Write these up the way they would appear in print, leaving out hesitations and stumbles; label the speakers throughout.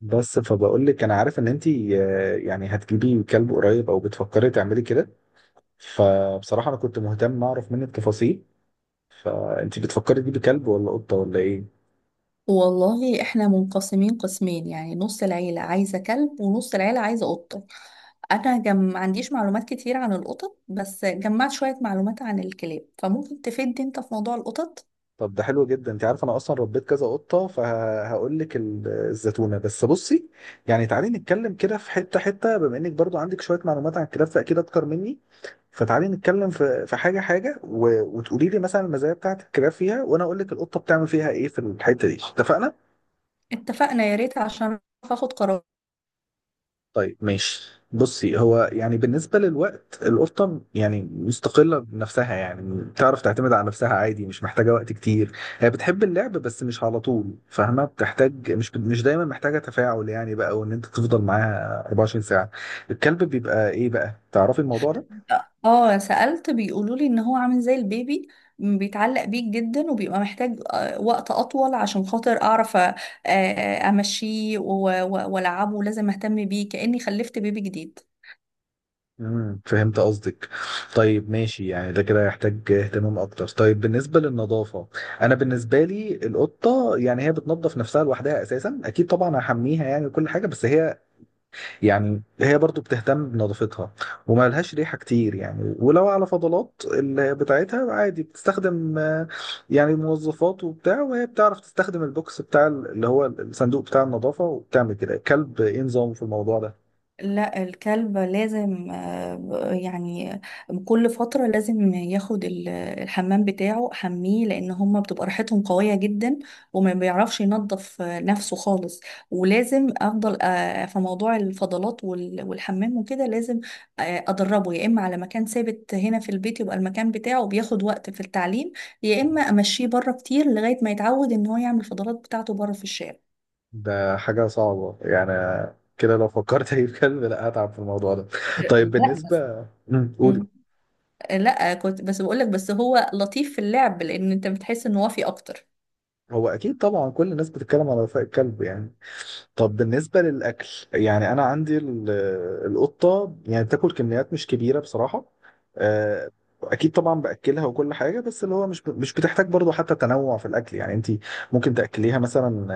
Speaker 1: بس فبقول لك انا عارف ان انت يعني هتجيبي كلب قريب او بتفكري تعملي كده. فبصراحه انا كنت مهتم اعرف منك تفاصيل. فانت بتفكري تجيبي كلب ولا قطه ولا ايه؟
Speaker 2: والله احنا منقسمين قسمين يعني نص العيلة عايزة كلب ونص العيلة عايزة قطة. انا ما عنديش معلومات كتير عن القطط، بس جمعت شوية معلومات عن الكلاب، فممكن تفيدني انت في موضوع القطط.
Speaker 1: طب ده حلو جدا، انت عارف انا اصلا ربيت كذا قطه فهقول لك الزتونه. بس بصي، يعني تعالي نتكلم كده في حته حته، بما انك برضو عندك شويه معلومات عن الكلاب فاكيد اكتر مني. فتعالي نتكلم في حاجه حاجه و- وتقولي لي مثلا المزايا بتاعت الكلاب فيها، وانا اقول لك القطه بتعمل فيها ايه في الحته دي. اتفقنا؟
Speaker 2: اتفقنا، يا ريت عشان أعرف اخد قرار.
Speaker 1: طيب ماشي، بصي، هو يعني بالنسبة للوقت القطة يعني مستقلة بنفسها، يعني بتعرف تعتمد على نفسها عادي، مش محتاجة وقت كتير. هي بتحب اللعب بس مش على طول، فاهمة؟ بتحتاج مش دايما محتاجة تفاعل يعني بقى، وان انت تفضل معاها 24 ساعة. الكلب بيبقى ايه بقى، تعرفي الموضوع ده؟
Speaker 2: اه، سألت بيقولوا لي ان هو عامل زي البيبي. بيتعلق بيك جدا وبيبقى محتاج وقت اطول عشان خاطر اعرف امشيه والعبه، لازم اهتم بيه كأني خلفت بيبي جديد.
Speaker 1: فهمت قصدك. طيب ماشي، يعني ده كده يحتاج اهتمام اكتر. طيب بالنسبه للنظافه، انا بالنسبه لي القطه، يعني هي بتنظف نفسها لوحدها اساسا، اكيد طبعا هحميها يعني وكل حاجه، بس هي يعني هي برضو بتهتم بنظافتها. وما لهاش ريحه كتير يعني. ولو على فضلات بتاعتها عادي بتستخدم يعني موظفات وبتاع، وهي بتعرف تستخدم البوكس بتاع اللي هو الصندوق بتاع النظافه وبتعمل كده. الكلب ايه نظامه في الموضوع ده؟
Speaker 2: لا، الكلب لازم، يعني كل فترة لازم ياخد الحمام بتاعه، حميه، لأن هما بتبقى ريحتهم قوية جدا. وما بيعرفش ينظف نفسه خالص. ولازم أفضل في موضوع الفضلات والحمام وكده، لازم أدربه يا إما على مكان ثابت هنا في البيت، يبقى المكان بتاعه بياخد وقت في التعليم. يا إما أمشيه بره كتير لغاية ما يتعود إن هو يعمل الفضلات بتاعته بره في الشارع.
Speaker 1: ده حاجة صعبة يعني. كده لو فكرت اجيب كلب لا هتعب في الموضوع ده. طيب
Speaker 2: لا بس.
Speaker 1: بالنسبة قولي.
Speaker 2: مم. لا، كنت بس بقولك بس هو لطيف في اللعب، لان انت بتحس ان وافي اكتر.
Speaker 1: هو اكيد طبعا كل الناس بتتكلم على وفاء الكلب يعني. طب بالنسبة للأكل، يعني أنا عندي ال- القطة يعني بتاكل كميات مش كبيرة بصراحة. آه، أكيد طبعا بأكلها وكل حاجة، بس اللي هو مش بتحتاج برضو حتى تنوع في الأكل يعني. أنت ممكن تأكليها مثلا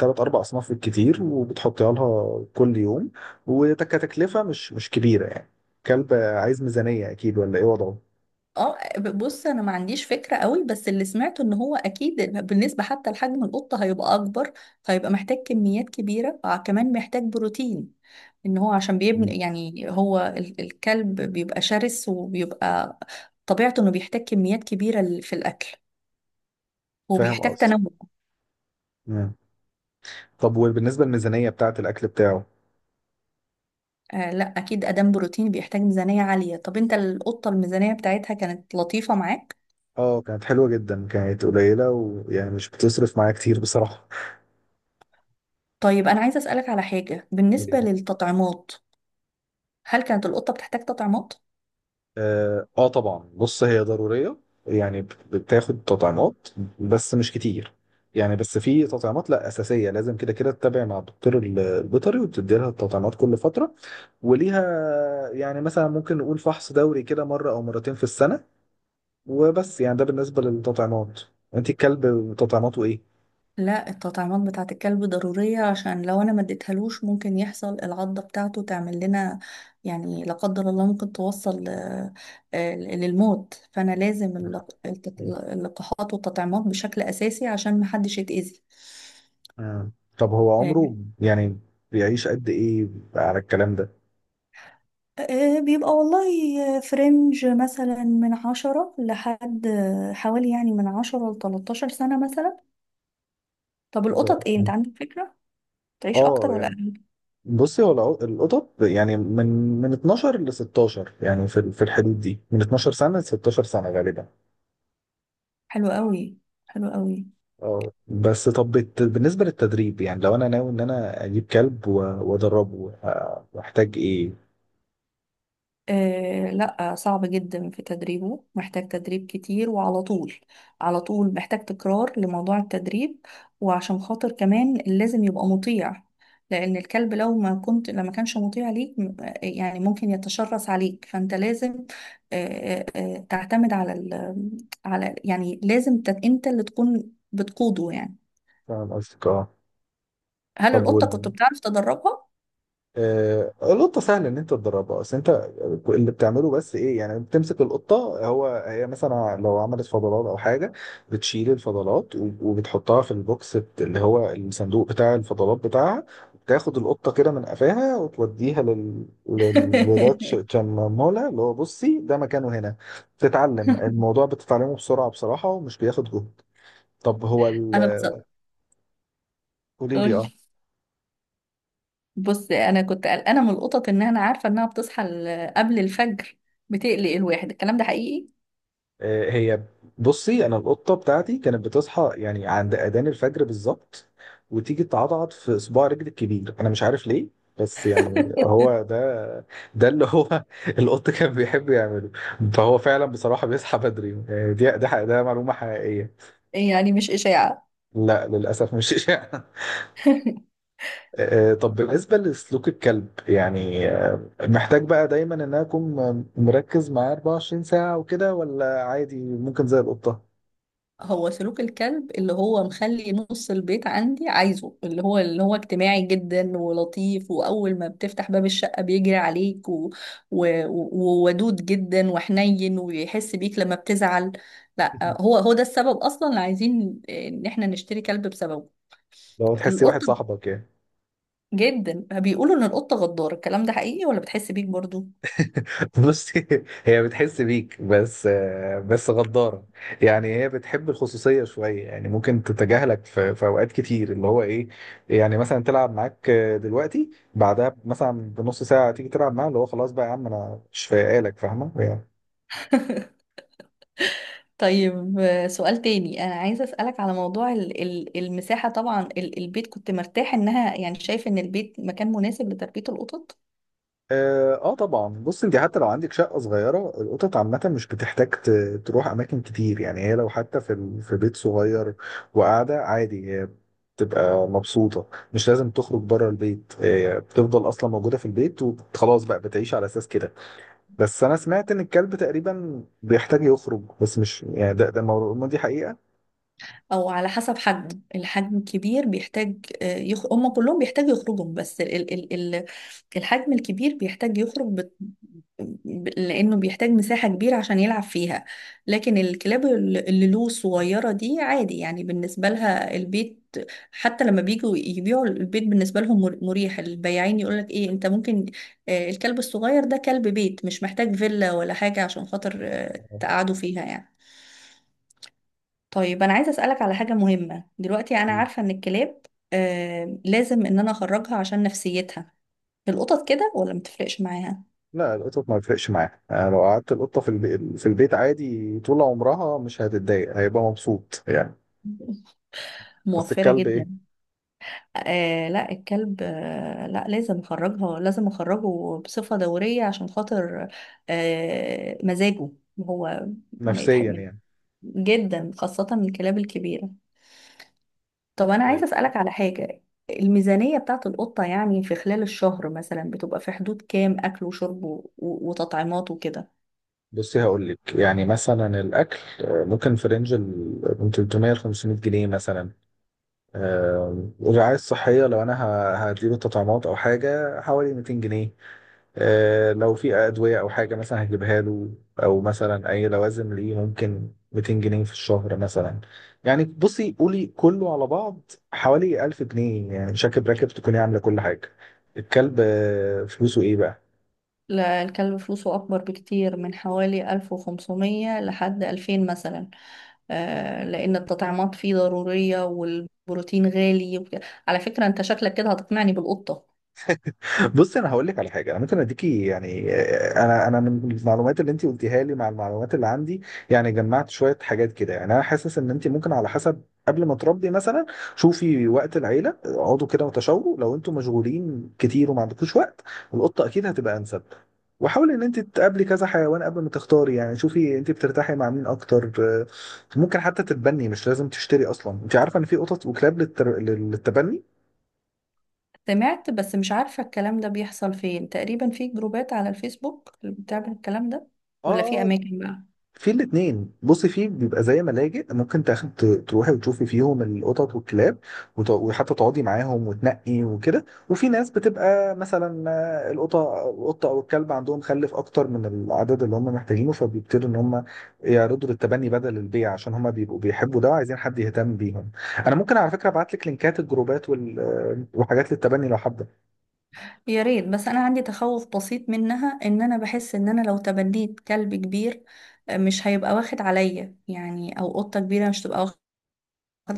Speaker 1: ثلاث أربع أصناف بالكتير، وبتحطيها لها كل يوم. وكتكلفة مش كبيرة يعني. كلب عايز ميزانية أكيد، ولا إيه وضعه؟
Speaker 2: اه، بص، انا ما عنديش فكرة قوي، بس اللي سمعته ان هو اكيد، بالنسبة حتى لحجم القطة هيبقى اكبر، فهيبقى محتاج كميات كبيرة، كمان محتاج بروتين، ان هو عشان بيبني،
Speaker 1: مم.
Speaker 2: يعني هو الكلب بيبقى شرس، وبيبقى طبيعته انه بيحتاج كميات كبيرة في الاكل،
Speaker 1: فاهم
Speaker 2: وبيحتاج
Speaker 1: قصدي؟
Speaker 2: تنوع.
Speaker 1: مم. طب وبالنسبة للميزانية بتاعة الأكل بتاعه؟
Speaker 2: لا، اكيد ادام بروتين بيحتاج ميزانية عالية. طب انت القطة الميزانية بتاعتها كانت لطيفة معاك؟
Speaker 1: اه، كانت حلوة جدا، كانت قليلة، ويعني مش بتصرف معايا كتير بصراحة.
Speaker 2: طيب، أنا عايزة أسألك على حاجة بالنسبة
Speaker 1: وليه؟
Speaker 2: للتطعيمات. هل كانت القطة بتحتاج تطعيمات؟
Speaker 1: اه آه طبعا، بص هي ضرورية، يعني بتاخد تطعيمات، بس مش كتير. يعني بس في تطعيمات لا، أساسية لازم كده كده تتابع مع الدكتور البيطري، وبتدي لها التطعيمات كل فترة وليها. يعني مثلا ممكن نقول فحص دوري كده مرة أو مرتين في السنة، وبس. يعني ده بالنسبة للتطعيمات. انت الكلب تطعيماته ايه؟
Speaker 2: لا، التطعيمات بتاعة الكلب ضرورية، عشان لو أنا ما اديتهالوش ممكن يحصل العضة بتاعته تعمل لنا، يعني لا قدر الله ممكن توصل للموت، فأنا لازم اللقاحات والتطعيمات بشكل أساسي عشان محدش يتأذي.
Speaker 1: مم. طب هو عمره
Speaker 2: آه،
Speaker 1: يعني بيعيش قد ايه على الكلام ده؟
Speaker 2: بيبقى والله فرنج مثلا من عشرة لحد، حوالي، يعني من عشرة لتلتاشر سنة مثلا. طب القطط ايه،
Speaker 1: ده-
Speaker 2: انت عندك فكرة تعيش
Speaker 1: اه
Speaker 2: اكتر ولا
Speaker 1: يعني،
Speaker 2: اقل؟
Speaker 1: بصي هو القطط يعني من 12 ل 16 يعني في في الحدود دي، من 12 سنة ل 16 سنة غالبا.
Speaker 2: حلو قوي، حلو قوي.
Speaker 1: اه بس طب بالنسبة للتدريب، يعني لو انا ناوي ان انا اجيب كلب وادربه محتاج ايه؟
Speaker 2: لا، صعب جدا في تدريبه، محتاج تدريب كتير وعلى طول، على طول محتاج تكرار لموضوع التدريب، وعشان خاطر كمان لازم يبقى مطيع، لان الكلب لو ما كنت، لما كانش مطيع ليك، يعني ممكن يتشرس عليك، فانت لازم آه تعتمد على على، يعني لازم انت اللي تكون بتقوده يعني.
Speaker 1: فاهم قصدك، اه.
Speaker 2: هل
Speaker 1: طب
Speaker 2: القطة كنت بتعرف تدربها؟
Speaker 1: القطة سهل إن أنت تدربها، بس أنت اللي بتعمله بس إيه يعني، بتمسك القطة، هو هي مثلا لو عملت فضلات أو حاجة بتشيل الفضلات و- وبتحطها في البوكس اللي هو الصندوق بتاع الفضلات بتاعها. بتاخد القطة كده من قفاها وتوديها لده تشممولها اللي هو بصي ده مكانه هنا. تتعلم الموضوع، بتتعلمه بسرعة بصراحة ومش بياخد جهد. طب هو
Speaker 2: انا بص
Speaker 1: قولي لي،
Speaker 2: قولي.
Speaker 1: اه.
Speaker 2: بص، انا كنت قلقانه من القطط، ان انا عارفه انها بتصحى قبل الفجر، بتقلق الواحد، الكلام ده حقيقي؟
Speaker 1: هي، بصي انا القطه بتاعتي كانت بتصحى يعني عند اذان الفجر بالظبط، وتيجي تعضعض في صباع رجلي الكبير، انا مش عارف ليه. بس يعني هو ده، اللي هو القط كان بيحب يعمله. فهو فعلا بصراحه بيصحى بدري. ده معلومه حقيقيه،
Speaker 2: يعني مش اشاعه؟
Speaker 1: لا للاسف مش إشاعة. طب بالنسبه لسلوك الكلب، يعني محتاج بقى دايما ان انا اكون مركز معاه 24 ساعه وكده، ولا عادي ممكن زي القطه؟
Speaker 2: هو سلوك الكلب اللي هو مخلي نص البيت عندي عايزه، اللي هو اجتماعي جدا ولطيف، واول ما بتفتح باب الشقه بيجري عليك، وودود جدا وحنين، ويحس بيك لما بتزعل. لا، هو ده السبب اصلا اللي عايزين ان احنا نشتري كلب بسببه.
Speaker 1: لو تحسي واحد
Speaker 2: القطه
Speaker 1: صاحبك يعني.
Speaker 2: جدا، بيقولوا ان القطة غدارة، الكلام ده حقيقي ولا بتحس بيك برضو؟
Speaker 1: بصي، هي بتحس بيك بس. بس غدارة، يعني هي بتحب الخصوصية شوية، يعني ممكن تتجاهلك في أوقات كتير، اللي هو إيه يعني، مثلا تلعب معاك دلوقتي، بعدها مثلا بنص ساعة تيجي تلعب معاه، اللي هو خلاص بقى يا عم أنا مش فايقالك، فاهمة يعني.
Speaker 2: طيب، سؤال تاني، انا عايزة اسألك على موضوع المساحة. طبعا البيت كنت مرتاح انها، يعني شايف ان البيت مكان مناسب لتربية القطط؟
Speaker 1: اه آه طبعا، بص انت حتى لو عندك شقه صغيره القطط عامه مش بتحتاج تروح اماكن كتير يعني. هي لو حتى في في بيت صغير وقاعده عادي هي بتبقى مبسوطه. مش لازم تخرج بره البيت، هي بتفضل اصلا موجوده في البيت وخلاص بقى، بتعيش على اساس كده. بس انا سمعت ان الكلب تقريبا بيحتاج يخرج، بس مش يعني دي حقيقه؟
Speaker 2: او على حسب حجمه، الحجم الكبير بيحتاج هم كلهم بيحتاجوا يخرجوا، بس الحجم الكبير بيحتاج يخرج، لانه بيحتاج مساحة كبيرة عشان يلعب فيها. لكن الكلاب اللي له صغيرة دي عادي، يعني بالنسبة لها البيت، حتى لما بيجوا يبيعوا البيت بالنسبة لهم مريح، البياعين يقولك ايه، انت ممكن الكلب الصغير ده كلب بيت، مش محتاج فيلا ولا حاجة عشان خاطر تقعدوا فيها يعني. طيب، انا عايزه اسالك على حاجه مهمه دلوقتي، انا عارفه ان الكلاب لازم ان انا اخرجها عشان نفسيتها، القطط كده ولا متفرقش معاها؟
Speaker 1: لا، القطط ما بيفرقش معاها يعني. لو قعدت القطه في البيت عادي طول عمرها مش هتتضايق، هيبقى مبسوط يعني. بس
Speaker 2: موفره
Speaker 1: الكلب
Speaker 2: جدا.
Speaker 1: ايه،
Speaker 2: لا، الكلب لا، لازم اخرجها، لازم اخرجه بصفه دوريه، عشان خاطر مزاجه هو، ما
Speaker 1: نفسيا
Speaker 2: يتحمل
Speaker 1: يعني؟
Speaker 2: جدا، خاصه الكلاب الكبيره. طب انا
Speaker 1: طيب
Speaker 2: عايزه اسالك على حاجه، الميزانيه بتاعت القطه يعني في خلال الشهر مثلا بتبقى في حدود كام، اكل وشرب وتطعيمات وكده؟
Speaker 1: بصي، هقول لك يعني مثلا الاكل ممكن في رينج ال من 300 ل 500 جنيه مثلا. الرعاية الصحية لو أنا هجيب التطعيمات أو حاجة حوالي 200 جنيه. لو في أدوية أو حاجة مثلا هجيبها له، أو مثلا أي لوازم ليه ممكن 200 جنيه في الشهر مثلا. يعني بصي، قولي كله على بعض حوالي 1000 جنيه يعني، شاكب راكب تكوني عاملة كل حاجة. الكلب فلوسه إيه بقى؟
Speaker 2: لا، الكلب فلوسه اكبر بكتير، من حوالي 1500 لحد 2000 مثلا. لان التطعيمات فيه ضروريه والبروتين غالي وكده. على فكره، انت شكلك كده هتقنعني بالقطه.
Speaker 1: بص انا هقول لك على حاجه، انا ممكن اديكي يعني، انا من المعلومات اللي انت قلتيها لي مع المعلومات اللي عندي يعني جمعت شويه حاجات كده، يعني انا حاسس ان انت ممكن على حسب، قبل ما تربي مثلا، شوفي وقت العيله، اقعدوا كده وتشاوروا. لو انتوا مشغولين كتير وما عندكوش وقت، القطه اكيد هتبقى انسب. وحاولي ان انت تقابلي كذا حيوان قبل ما تختاري، يعني شوفي انت بترتاحي مع مين اكتر. ممكن حتى تتبني، مش لازم تشتري اصلا. انت عارفه ان في قطط وكلاب للتبني.
Speaker 2: سمعت، بس مش عارفه الكلام ده بيحصل فين، تقريبا في جروبات على الفيسبوك اللي بتعمل الكلام ده ولا في
Speaker 1: اه
Speaker 2: اماكن بقى؟
Speaker 1: في الاثنين، بصي في بيبقى زي ملاجئ، ممكن تاخد تروحي وتشوفي فيهم القطط والكلاب، وت- وحتى تقعدي معاهم وتنقي وكده. وفي ناس بتبقى مثلا القطه او الكلب عندهم خلف اكتر من العدد اللي هم محتاجينه، فبيبتدوا ان هم يعرضوا للتبني بدل البيع، عشان هم بيبقوا بيحبوا ده وعايزين حد يهتم بيهم. انا ممكن على فكره ابعت لك لينكات الجروبات وحاجات للتبني لو حابه.
Speaker 2: يا ريت، بس انا عندي تخوف بسيط منها، ان انا بحس ان انا لو تبنيت كلب كبير مش هيبقى واخد عليا يعني، او قطة كبيرة مش تبقى واخد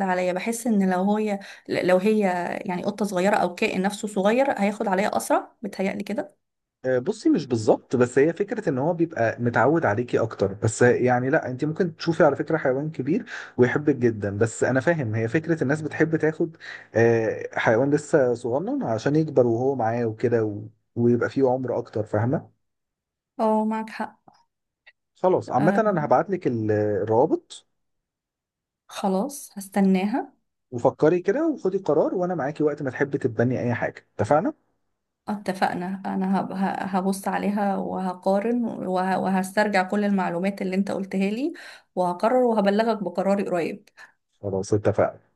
Speaker 2: عليا، بحس ان لو هي يعني قطة صغيرة او كائن نفسه صغير هياخد عليا اسرع، بتهيألي كده.
Speaker 1: بصي، مش بالظبط، بس هي فكرة ان هو بيبقى متعود عليكي اكتر، بس يعني لا، انت ممكن تشوفي على فكرة حيوان كبير ويحبك جدا. بس انا فاهم، هي فكرة الناس بتحب تاخد حيوان لسه صغنن عشان يكبر وهو معاه وكده ويبقى فيه عمر اكتر، فاهمة؟
Speaker 2: اه، معك حق.
Speaker 1: خلاص عامة
Speaker 2: آه،
Speaker 1: انا هبعت لك الروابط،
Speaker 2: خلاص هستناها.
Speaker 1: وفكري كده وخدي قرار، وانا معاكي وقت ما تحبي تتبني اي حاجة. اتفقنا؟
Speaker 2: اتفقنا، انا هبص عليها وهقارن وهسترجع كل المعلومات اللي انت قلتها لي، وهقرر وهبلغك بقراري قريب.
Speaker 1: خلاص اتفقنا.